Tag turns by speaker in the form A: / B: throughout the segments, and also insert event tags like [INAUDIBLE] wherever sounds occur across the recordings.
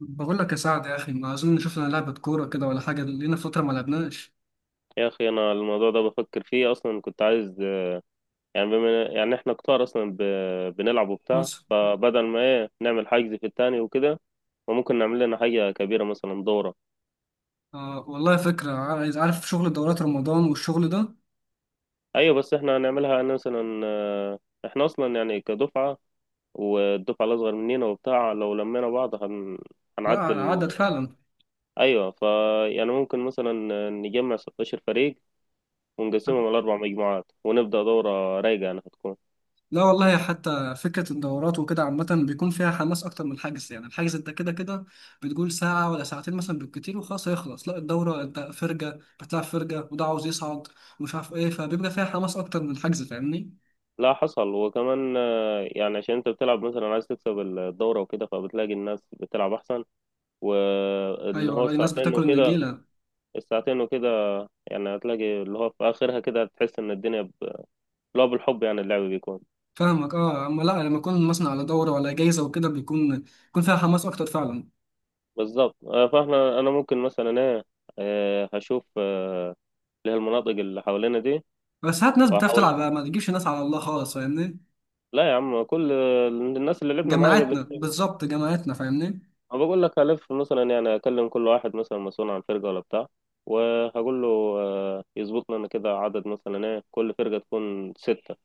A: بقول لك يا سعد يا اخي، ما اظن شفنا لعبه كوره كده ولا حاجه، لينا فتره ما لعبناش.
B: يا اخي انا الموضوع ده بفكر فيه اصلا. كنت عايز، يعني بما يعني احنا كتار اصلا بنلعب وبتاع،
A: خلاص.
B: فبدل ما ايه نعمل حجز في التاني وكده. وممكن نعمل لنا حاجة كبيرة، مثلا دورة.
A: آه والله فكره، عايز عارف شغل دورات رمضان والشغل ده.
B: ايوه، بس احنا هنعملها مثلا. احنا اصلا يعني كدفعة، والدفعة الاصغر مننا وبتاع، لو لمينا بعض
A: لا
B: هنعدل.
A: عدد فعلا.
B: ايوه، يعني ممكن مثلا نجمع 16 فريق ونقسمهم على اربع مجموعات، ونبدأ دورة رايقة يعني هتكون...
A: لا والله حتى فكره الدورات وكده عامه بيكون فيها حماس اكتر من الحجز. يعني الحجز انت كده كده بتقول ساعه ولا ساعتين مثلا بالكتير وخلاص هيخلص. لا الدوره انت فرجه بتلعب، فرجه وده عاوز يصعد ومش عارف ايه، فبيبقى فيها حماس اكتر من الحجز، فاهمني؟
B: لا حصل. وكمان، يعني عشان انت بتلعب مثلا عايز تكسب الدورة وكده، فبتلاقي الناس بتلعب احسن. واللي
A: ايوه
B: هو
A: رأي، ناس
B: الساعتين
A: بتاكل
B: وكده
A: النجيله.
B: الساعتين وكده، يعني هتلاقي اللي هو في اخرها كده تحس ان الدنيا اللي هو بالحب، يعني اللعب بيكون...
A: فاهمك، اه. اما لا، لما يكون مثلا على دوره ولا جايزه وكده بيكون فيها حماس اكتر فعلا.
B: بالظبط. انا ممكن مثلا ايه، هشوف، اللي هي المناطق اللي حوالينا دي،
A: بس ساعات ناس بتعرف
B: وهحاول.
A: تلعب بقى، ما تجيبش ناس على الله خالص، فاهمني؟
B: لا يا عم، كل الناس اللي لعبنا معاها قبل.
A: جماعتنا بالظبط، جماعتنا، فاهمني؟
B: أنا بقول لك هلف مثلا، يعني أكلم كل واحد مثلا مسؤول عن فرقة ولا بتاع، وهقول له، يظبط لنا كده عدد، مثلا إيه كل فرقة تكون ستة،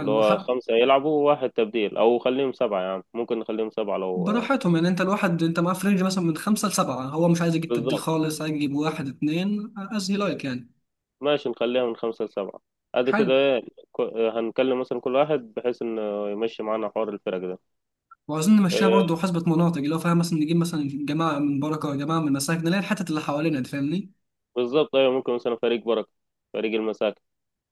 B: اللي هو
A: حق.
B: خمسة يلعبوا وواحد تبديل، أو خليهم سبعة. يعني ممكن نخليهم سبعة لو
A: براحتهم يعني، انت الواحد انت معاه فرنج مثلا من خمسه لسبعه، هو مش عايز يجيب تبديل
B: بالظبط.
A: خالص، عايز يجيب واحد اتنين از هي لايك يعني.
B: ماشي، نخليها من خمسة لسبعة. أدي كده
A: حلو.
B: إيه. هنكلم مثلا كل واحد بحيث إنه يمشي معانا حوار الفرق ده.
A: وعايزين نمشيها برضه
B: آه،
A: حسبة مناطق، اللي هو فاهم، مثلا نجيب مثلا جماعة من بركة، جماعة من مساكن، اللي هي الحتت اللي حوالينا دي، فاهمني؟
B: بالظبط، أيوة. ممكن مثلا فريق بركة، فريق المساكن،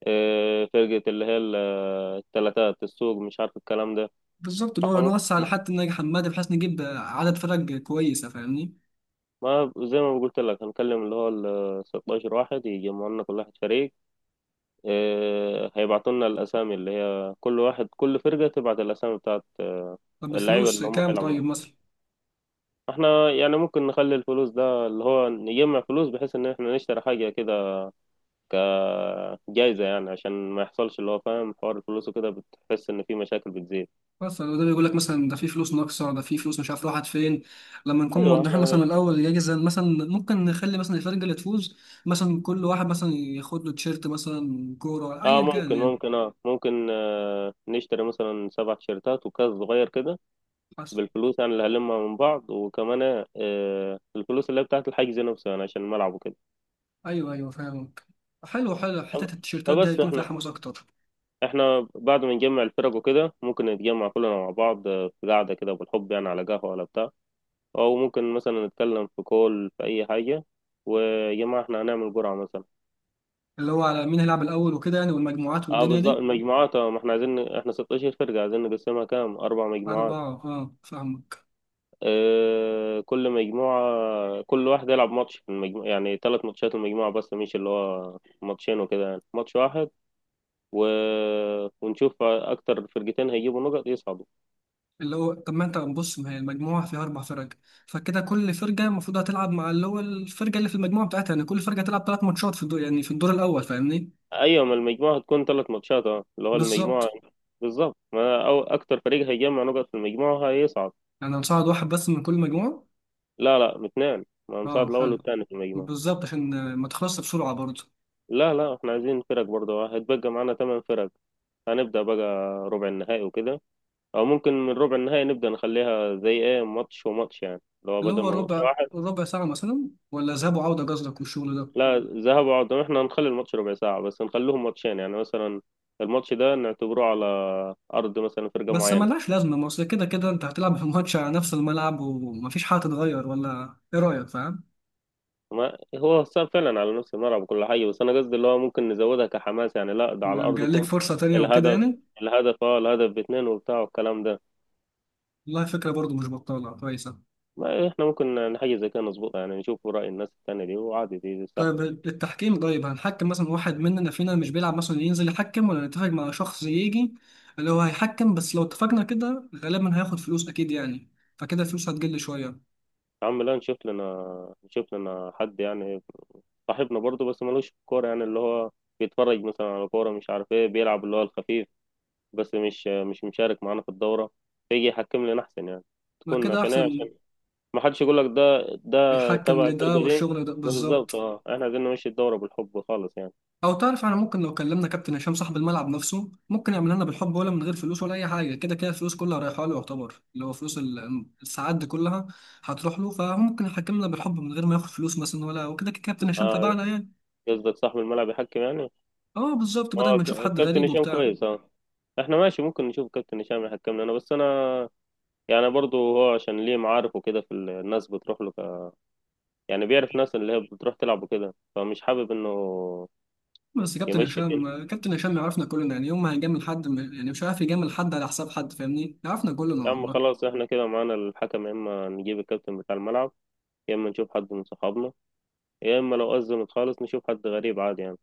B: فرقة اللي هي التلاتات السوق، مش عارف الكلام ده.
A: بالظبط، اللي
B: فاحنا
A: هو نوسع
B: ممكن،
A: لحد ناجي حمادي، بحيث نجيب عدد فرق كويسة، فاهمني؟
B: ما زي ما قلت لك، هنكلم اللي هو ال 16 واحد يجمعوا لنا، كل واحد فريق. هيبعتوا لنا الأسامي، اللي هي كل فرقة تبعت الأسامي بتاعت،
A: طب
B: اللعيبة
A: الفلوس
B: اللي هم
A: كام
B: هيلعبوا.
A: طيب مثلا؟
B: احنا يعني ممكن نخلي الفلوس ده اللي هو نجمع فلوس بحيث ان احنا نشتري حاجة كده كجائزة، يعني عشان ما يحصلش اللي هو فاهم حوار الفلوس وكده بتحس ان في مشاكل بتزيد.
A: مثلا ده بيقول لك مثلا ده في فلوس ناقصه، ده في فلوس مش عارف راحت فين. لما نكون
B: ايوه
A: موضحين
B: احنا،
A: مثلا الاول الجايزه، مثلا ممكن نخلي مثلا الفرقه اللي تفوز، مثلا كل واحد مثلا ياخد له تيشيرت مثلا كوره
B: اه
A: ايا كان
B: ممكن
A: يعني.
B: ممكن اه ممكن آه، نشتري مثلا سبع تيشيرتات وكاس صغير كده
A: حسب.
B: بالفلوس، يعني اللي هلمها من بعض. وكمان الفلوس اللي هي بتاعت الحجز نفسه، يعني عشان الملعب وكده.
A: ايوه ايوه فاهمك. حلو حلو، حته
B: طب-
A: التيشيرتات دي
B: فبس
A: هيكون فيها
B: احنا،
A: حماس اكتر.
B: بعد ما نجمع الفرق وكده ممكن نتجمع كلنا مع بعض، في قعدة كده بالحب، يعني على قهوة ولا بتاع. او ممكن مثلا نتكلم في كول في اي حاجة، ويا جماعة احنا هنعمل جرعة مثلا.
A: اللي هو على مين هيلعب الاول وكده يعني، والمجموعات
B: اه
A: والدنيا
B: بالظبط،
A: دي.
B: المجموعات. اه ما احنا عايزين، احنا 16 فرقة عايزين نقسمها كام، اربع مجموعات.
A: اربعه اه فاهمك.
B: كل مجموعة كل واحد يلعب ماتش في المجموعة، يعني ثلاث ماتشات المجموعة، بس مش اللي هو ماتشين وكده، يعني ماتش واحد و... ونشوف أكتر فرقتين هيجيبوا نقط يصعدوا.
A: اللي هو طب ما انت بص، ما هي المجموعة فيها أربع فرق، فكده كل فرقة المفروض هتلعب مع اللي هو الفرقة اللي في المجموعة بتاعتها، يعني كل فرقة هتلعب ثلاث ماتشات في الدور، يعني في الدور الأول، فاهمني؟
B: أيوة، ما المجموعة هتكون ثلاث ماتشات، اه اللي هو المجموعة.
A: بالظبط.
B: بالظبط، ما أو أكتر فريق هيجمع نقط في المجموعة هيصعد.
A: يعني هنصعد واحد بس من كل مجموعة؟
B: لا لا، اثنين، ما
A: اه
B: هنصعد الأول
A: حلو.
B: والثاني في المجموعة.
A: بالظبط عشان ما تخلصش بسرعة برضه.
B: لا لا، احنا عايزين فرق برضه. هيتبقى معانا ثمان فرق، هنبدأ بقى ربع النهائي وكده. او ممكن من ربع النهائي نبدا نخليها زي ايه ماتش وماتش، يعني لو
A: اللي
B: بدل
A: هو
B: ما ماتش
A: ربع
B: واحد.
A: ربع ساعة مثلا ولا ذهاب وعودة قصدك والشغل ده؟
B: لا، ذهاب وعودة. احنا هنخلي الماتش ربع ساعه، بس نخليهم ماتشين. يعني مثلا الماتش ده نعتبره على ارض مثلا فرقه
A: بس
B: معينه.
A: ملهاش لازمة، ما أصل كده كده أنت هتلعب [LAUGHS] في الماتش على نفس الملعب ومفيش حاجة تتغير، ولا إيه رأيك، فاهم؟
B: ما هو صار فعلا على نفس الملعب وكل حاجه، بس انا قصدي اللي هو ممكن نزودها كحماس، يعني لا ده على
A: جاي لك
B: ارضكم.
A: فرصة تانية وكده
B: الهدف...
A: يعني.
B: الهدف باتنين وبتاع والكلام ده.
A: والله فكرة برضه مش بطالة، كويسة.
B: ما احنا ممكن يعني حاجه زي كده نظبطها، يعني نشوف راي الناس التانيه دي، وعادي دي سهل.
A: طيب التحكيم، طيب هنحكم مثلا واحد مننا فينا مش بيلعب مثلا ينزل يحكم، ولا نتفق مع شخص يجي اللي هو هيحكم، بس لو اتفقنا كده غالبا هياخد فلوس أكيد يعني، فكده الفلوس هتقل شوية.
B: يا عم لا، نشوف لنا حد يعني. صاحبنا برضه، بس ملوش في الكورة، يعني اللي هو بيتفرج مثلا على كورة مش عارف ايه، بيلعب اللي هو الخفيف بس، مش مش مشارك معانا في الدورة، فيجي يحكم لنا أحسن يعني.
A: ما
B: تكون
A: كده
B: عشان ايه،
A: أحسن،
B: عشان ما حدش يقول لك ده
A: بيحكم
B: تبع الفرقة
A: لده
B: دي.
A: والشغل ده
B: بالظبط.
A: بالظبط.
B: اه احنا عايزين نمشي الدورة بالحب خالص يعني.
A: أو تعرف أنا ممكن لو كلمنا كابتن هشام صاحب الملعب نفسه، ممكن يعمل لنا بالحب ولا من غير فلوس ولا أي حاجة، كده كده الفلوس كلها رايحة له، يعتبر اللي هو فلوس الساعات دي كلها هتروح له، فممكن يحكمنا بالحب من غير ما ياخد فلوس مثلا ولا وكده، كده كابتن هشام
B: اه،
A: تبعنا يعني.
B: قصدك صاحب الملعب يحكم يعني.
A: اه بالظبط، بدل
B: اه،
A: ما نشوف حد
B: الكابتن
A: غريب
B: هشام
A: وبتاع.
B: كويس، اه. احنا ماشي، ممكن نشوف كابتن هشام يحكم لنا، بس انا يعني برضه هو عشان ليه معارف وكده، في الناس بتروح له، يعني بيعرف ناس اللي هي بتروح تلعب وكده، فمش حابب انه
A: بس كابتن
B: يمشي الدنيا.
A: هشام كابتن هشام يعرفنا كلنا، يعني يوم ما هيجامل حد، يعني مش عارف يجامل حد على حساب حد، فاهمني؟ يعرفنا كلنا
B: يا عم
A: والله.
B: خلاص، احنا كده معانا الحكم، يا اما نجيب الكابتن بتاع الملعب، يا اما نشوف حد من صحابنا، يا اما لو أزمت خالص نشوف حد غريب عادي يعني.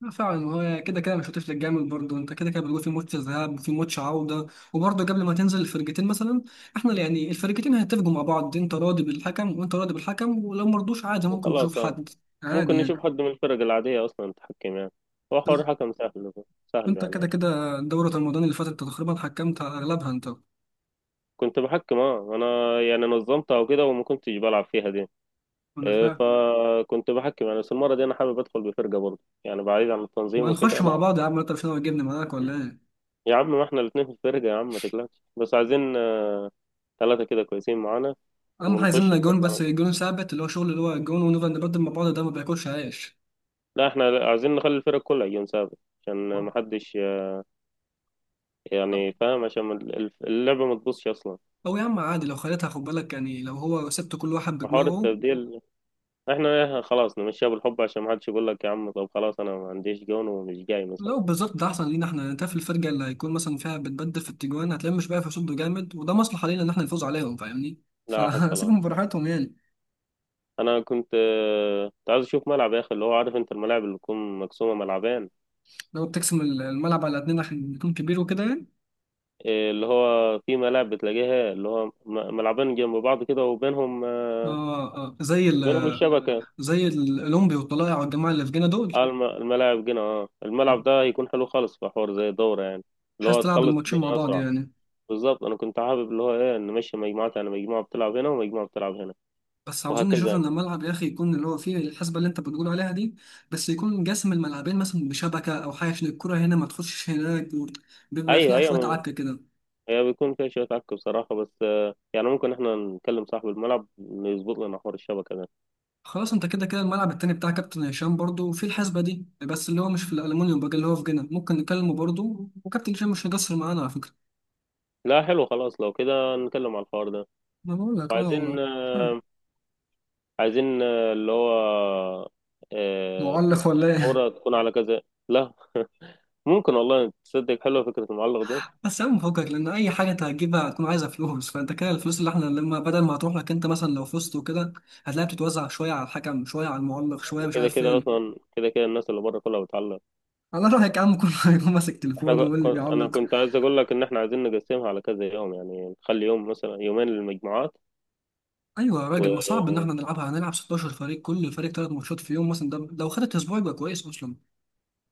A: لا فعلا هو كده كده مش هتفلت جامد، برضه انت كده كده بتقول في ماتش ذهاب وفي ماتش عوده، وبرضه قبل ما تنزل الفرقتين مثلا، احنا يعني الفرقتين هيتفقوا مع بعض، انت راضي بالحكم وانت راضي بالحكم، ولو مرضوش عادي ممكن نشوف
B: وخلاص اه،
A: حد، عادي
B: ممكن نشوف
A: يعني.
B: حد من الفرق العادية اصلا تحكم يعني. هو
A: بس
B: حوار حكم سهل، سهل
A: انت كده
B: يعني.
A: كده دورة رمضان اللي فاتت انت تقريبا حكمت على اغلبها انت.
B: كنت بحكم اه، انا يعني نظمتها وكده وما كنتش بلعب فيها دي.
A: انا فاهم.
B: فكنت بحكم يعني، بس المرة دي انا حابب ادخل بفرقة برضه، يعني بعيد عن التنظيم
A: ما
B: وكده،
A: نخش
B: لا.
A: مع بعض يا عم، انت مش ناوي تجيبني معاك ولا ايه؟
B: يا عم ما احنا الاتنين في الفرقة، يا عم ما تقلقش، بس عايزين ثلاثة كده كويسين معانا،
A: اهم حاجه عايزين
B: ونخش
A: لنا جون،
B: الفرقة
A: بس
B: على طول.
A: جون ثابت، اللي هو شغل اللي هو جون ونفضل نبدل مع بعض ده ما بياكلش عيش.
B: لا احنا عايزين نخلي الفرق كلها يجون سابق عشان ما حدش، يعني فاهم، عشان ما اللعبة ما تبصش اصلا.
A: او يا عم عادي لو خليتها، خد بالك يعني لو هو سبت كل واحد
B: وحوار
A: بدماغه،
B: التبديل، احنا خلاص نمشيها بالحب، عشان ما حدش يقول لك يا عم طب خلاص انا ما عنديش جون ومش جاي مثلا.
A: لو بالظبط ده احسن لينا احنا، انت في الفرقه اللي هيكون مثلا فيها بتبدل في التجوان، هتلاقيهم مش بقى يصدوا جامد، وده مصلحه لينا ان احنا نفوز عليهم، فاهمني؟
B: لا حصل.
A: فسيبهم [LAUGHS] براحتهم يعني.
B: انا كنت عايز اشوف ملعب يا اخي، اللي هو عارف انت الملاعب اللي تكون مقسومة ملعبين.
A: لو بتقسم الملعب على اتنين عشان يكون كبير وكده يعني.
B: اللي هو في ملاعب بتلاقيها اللي هو ملعبين جنب بعض كده، وبينهم،
A: اه اه، زي ال،
B: بينهم الشبكة.
A: زي الاولمبي والطلائع والجماعه اللي في جينا دول.
B: على الملاعب جنة. اه الملعب ده هيكون حلو خالص في حوار زي الدورة، يعني اللي
A: بحيث
B: هو
A: تلعب
B: تخلص
A: الماتشين مع
B: الدنيا
A: بعض
B: أسرع.
A: يعني.
B: بالظبط، أنا كنت حابب اللي هو إيه نمشي مجموعات، يعني مجموعة بتلعب هنا ومجموعة بتلعب هنا
A: بس عاوزين
B: وهكذا
A: نشوف ان
B: يعني.
A: الملعب يا اخي يكون اللي هو فيه الحسبه اللي انت بتقول عليها دي، بس يكون جسم الملعبين مثلا بشبكه او حاجه عشان الكره هنا ما تخشش هناك، بيبقى
B: أيوه،
A: فيها شويه
B: أيوه.
A: عك كده.
B: هي بيكون فيها شوية عك بصراحة، بس يعني ممكن إحنا نكلم صاحب الملعب إنه يظبط لنا حوار الشبكة ده.
A: خلاص، انت كده كده الملعب التاني بتاع كابتن هشام برضو في الحسبه دي، بس اللي هو مش في الالومنيوم بقى، اللي هو في جنة، ممكن نكلمه برضو وكابتن هشام مش هيقصر معانا على فكره.
B: لا حلو، خلاص لو كده نتكلم على الحوار ده.
A: انا بقول لك اه
B: وعايزين
A: والله،
B: آه،
A: حلو.
B: عايزين آه، اللي هو، آه،
A: معلق ولا ايه؟
B: الدورة تكون على كذا. لا، ممكن والله تصدق حلوة فكرة المعلق دي.
A: بس يا عم فكك، لان اي حاجه انت هتجيبها هتكون عايزه فلوس، فانت كده الفلوس اللي احنا لما بدل ما هتروح لك انت مثلا لو فزت وكده، هتلاقيها بتتوزع شويه على الحكم شويه على المعلق شويه مش
B: كده
A: عارف
B: كده
A: فين.
B: اصلا، كده كده الناس اللي بره كلها بتعلق.
A: على رايك يا عم، كله [LAUGHS] هيكون ماسك
B: احنا
A: تليفونه واللي
B: انا
A: بيعلق.
B: كنت عايز اقول لك ان احنا عايزين نقسمها على كذا يوم، يعني نخلي يوم مثلا يومين للمجموعات.
A: ايوه يا
B: و
A: راجل، ما صعب ان احنا نلعبها، هنلعب 16 فريق كل فريق ثلاث ماتشات في يوم مثلا، ده لو خدت اسبوع يبقى كويس اصلا.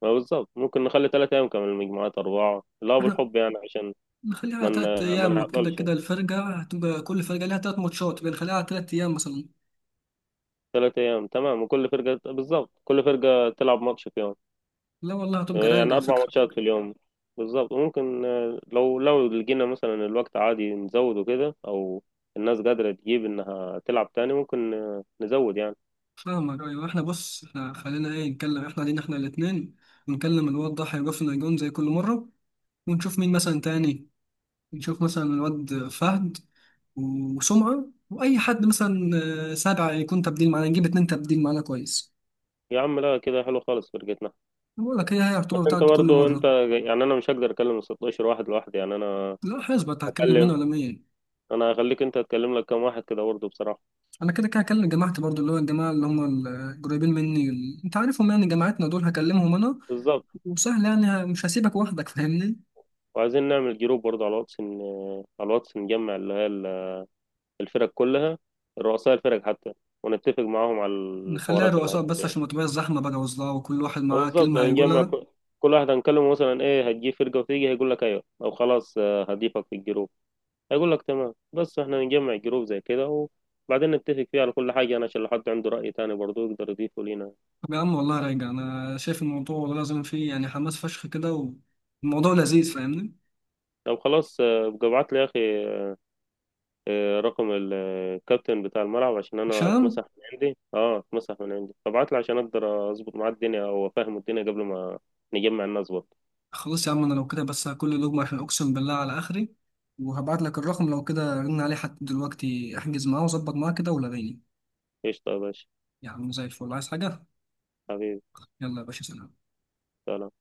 B: ما بالظبط، ممكن نخلي 3 ايام كمان، المجموعات اربعه، لا
A: احنا
B: بالحب يعني، عشان
A: نخليها على ثلاث
B: ما
A: ايام، كده
B: نعطلش.
A: كده الفرقه هتبقى كل فرقه ليها ثلاث ماتشات، بنخليها على ثلاث ايام مثلا.
B: 3 ايام تمام. وكل فرقه بالظبط، كل فرقه تلعب ماتش في يوم،
A: لا والله هتبقى رايق
B: يعني
A: على
B: اربع
A: فكره.
B: ماتشات في اليوم. بالظبط. وممكن لو لقينا مثلا الوقت عادي نزوده كده، او الناس قادره تجيب انها تلعب تاني ممكن، نزود يعني.
A: فاهمك، ايوه. احنا بص، احنا خلينا ايه، نتكلم احنا، علينا احنا الاثنين، ونكلم الواد ضحى يقف لنا جون زي كل مره، ونشوف مين مثلا تاني، نشوف مثلا الواد فهد وسمعه واي حد مثلا، سابع يكون تبديل معانا، نجيب اتنين تبديل معانا كويس.
B: يا عم لا، كده حلو خالص فرقتنا.
A: بقول لك هي هي
B: بس
A: الرطوبه
B: انت،
A: بتاعت كل
B: برضو انت،
A: مره.
B: يعني انا مش هقدر اكلم ال 16 واحد لوحدي، يعني انا
A: لا حسبة هتكلم مين
B: هكلم
A: ولا مين؟
B: انا هخليك انت تكلم لك كام واحد كده برضو بصراحة.
A: انا كده كده هكلم جماعتي برضو، اللي هو الجماعه اللي هم القريبين مني انت عارفهم يعني، جماعتنا دول هكلمهم انا.
B: بالظبط.
A: وسهل يعني، مش هسيبك وحدك، فاهمني؟
B: وعايزين نعمل جروب برضو على الواتس، ان على الواتس نجمع اللي هي الفرق كلها، رؤساء الفرق حتى، ونتفق معاهم على
A: نخليها
B: الحوارات اللي
A: رؤساء
B: هتكون
A: بس،
B: يعني.
A: عشان ما تبقاش زحمة بقى وصداع وكل واحد
B: اه
A: معاه
B: بالظبط،
A: كلمة
B: نجمع،
A: هيقولها.
B: كل واحد هنكلمه مثلا ايه هتجيب فرقة وتيجي هيقول لك ايوه او خلاص، اه، هضيفك في الجروب. هيقول لك تمام، بس احنا نجمع جروب زي كده، وبعدين نتفق فيه على كل حاجة أنا، عشان لو حد عنده رأي تاني برضه يقدر يضيفه لينا.
A: طب يا عم والله راجع، أنا شايف الموضوع والله لازم فيه يعني حماس فشخ كده، والموضوع لذيذ، فاهمني؟
B: طب خلاص، ابقى ابعت لي يا أخي، رقم الكابتن بتاع الملعب، عشان أنا،
A: هشام.
B: اتمسح من عندي. ابعت لي عشان أقدر أظبط معاه الدنيا أو أفهمه الدنيا قبل ما نجمع الناس برضه.
A: خلاص يا عم، أنا لو كده بس هاكل لقمة عشان أقسم بالله على آخري، وهبعت لك الرقم، لو كده رن عليه حتى دلوقتي، احجز معاه وظبط معاه كده ولا غيني.
B: قشطة يا باشا.
A: يا عم زي الفل، عايز حاجة؟
B: حبيبي.
A: يلا يا باشا، سلام.
B: سلام.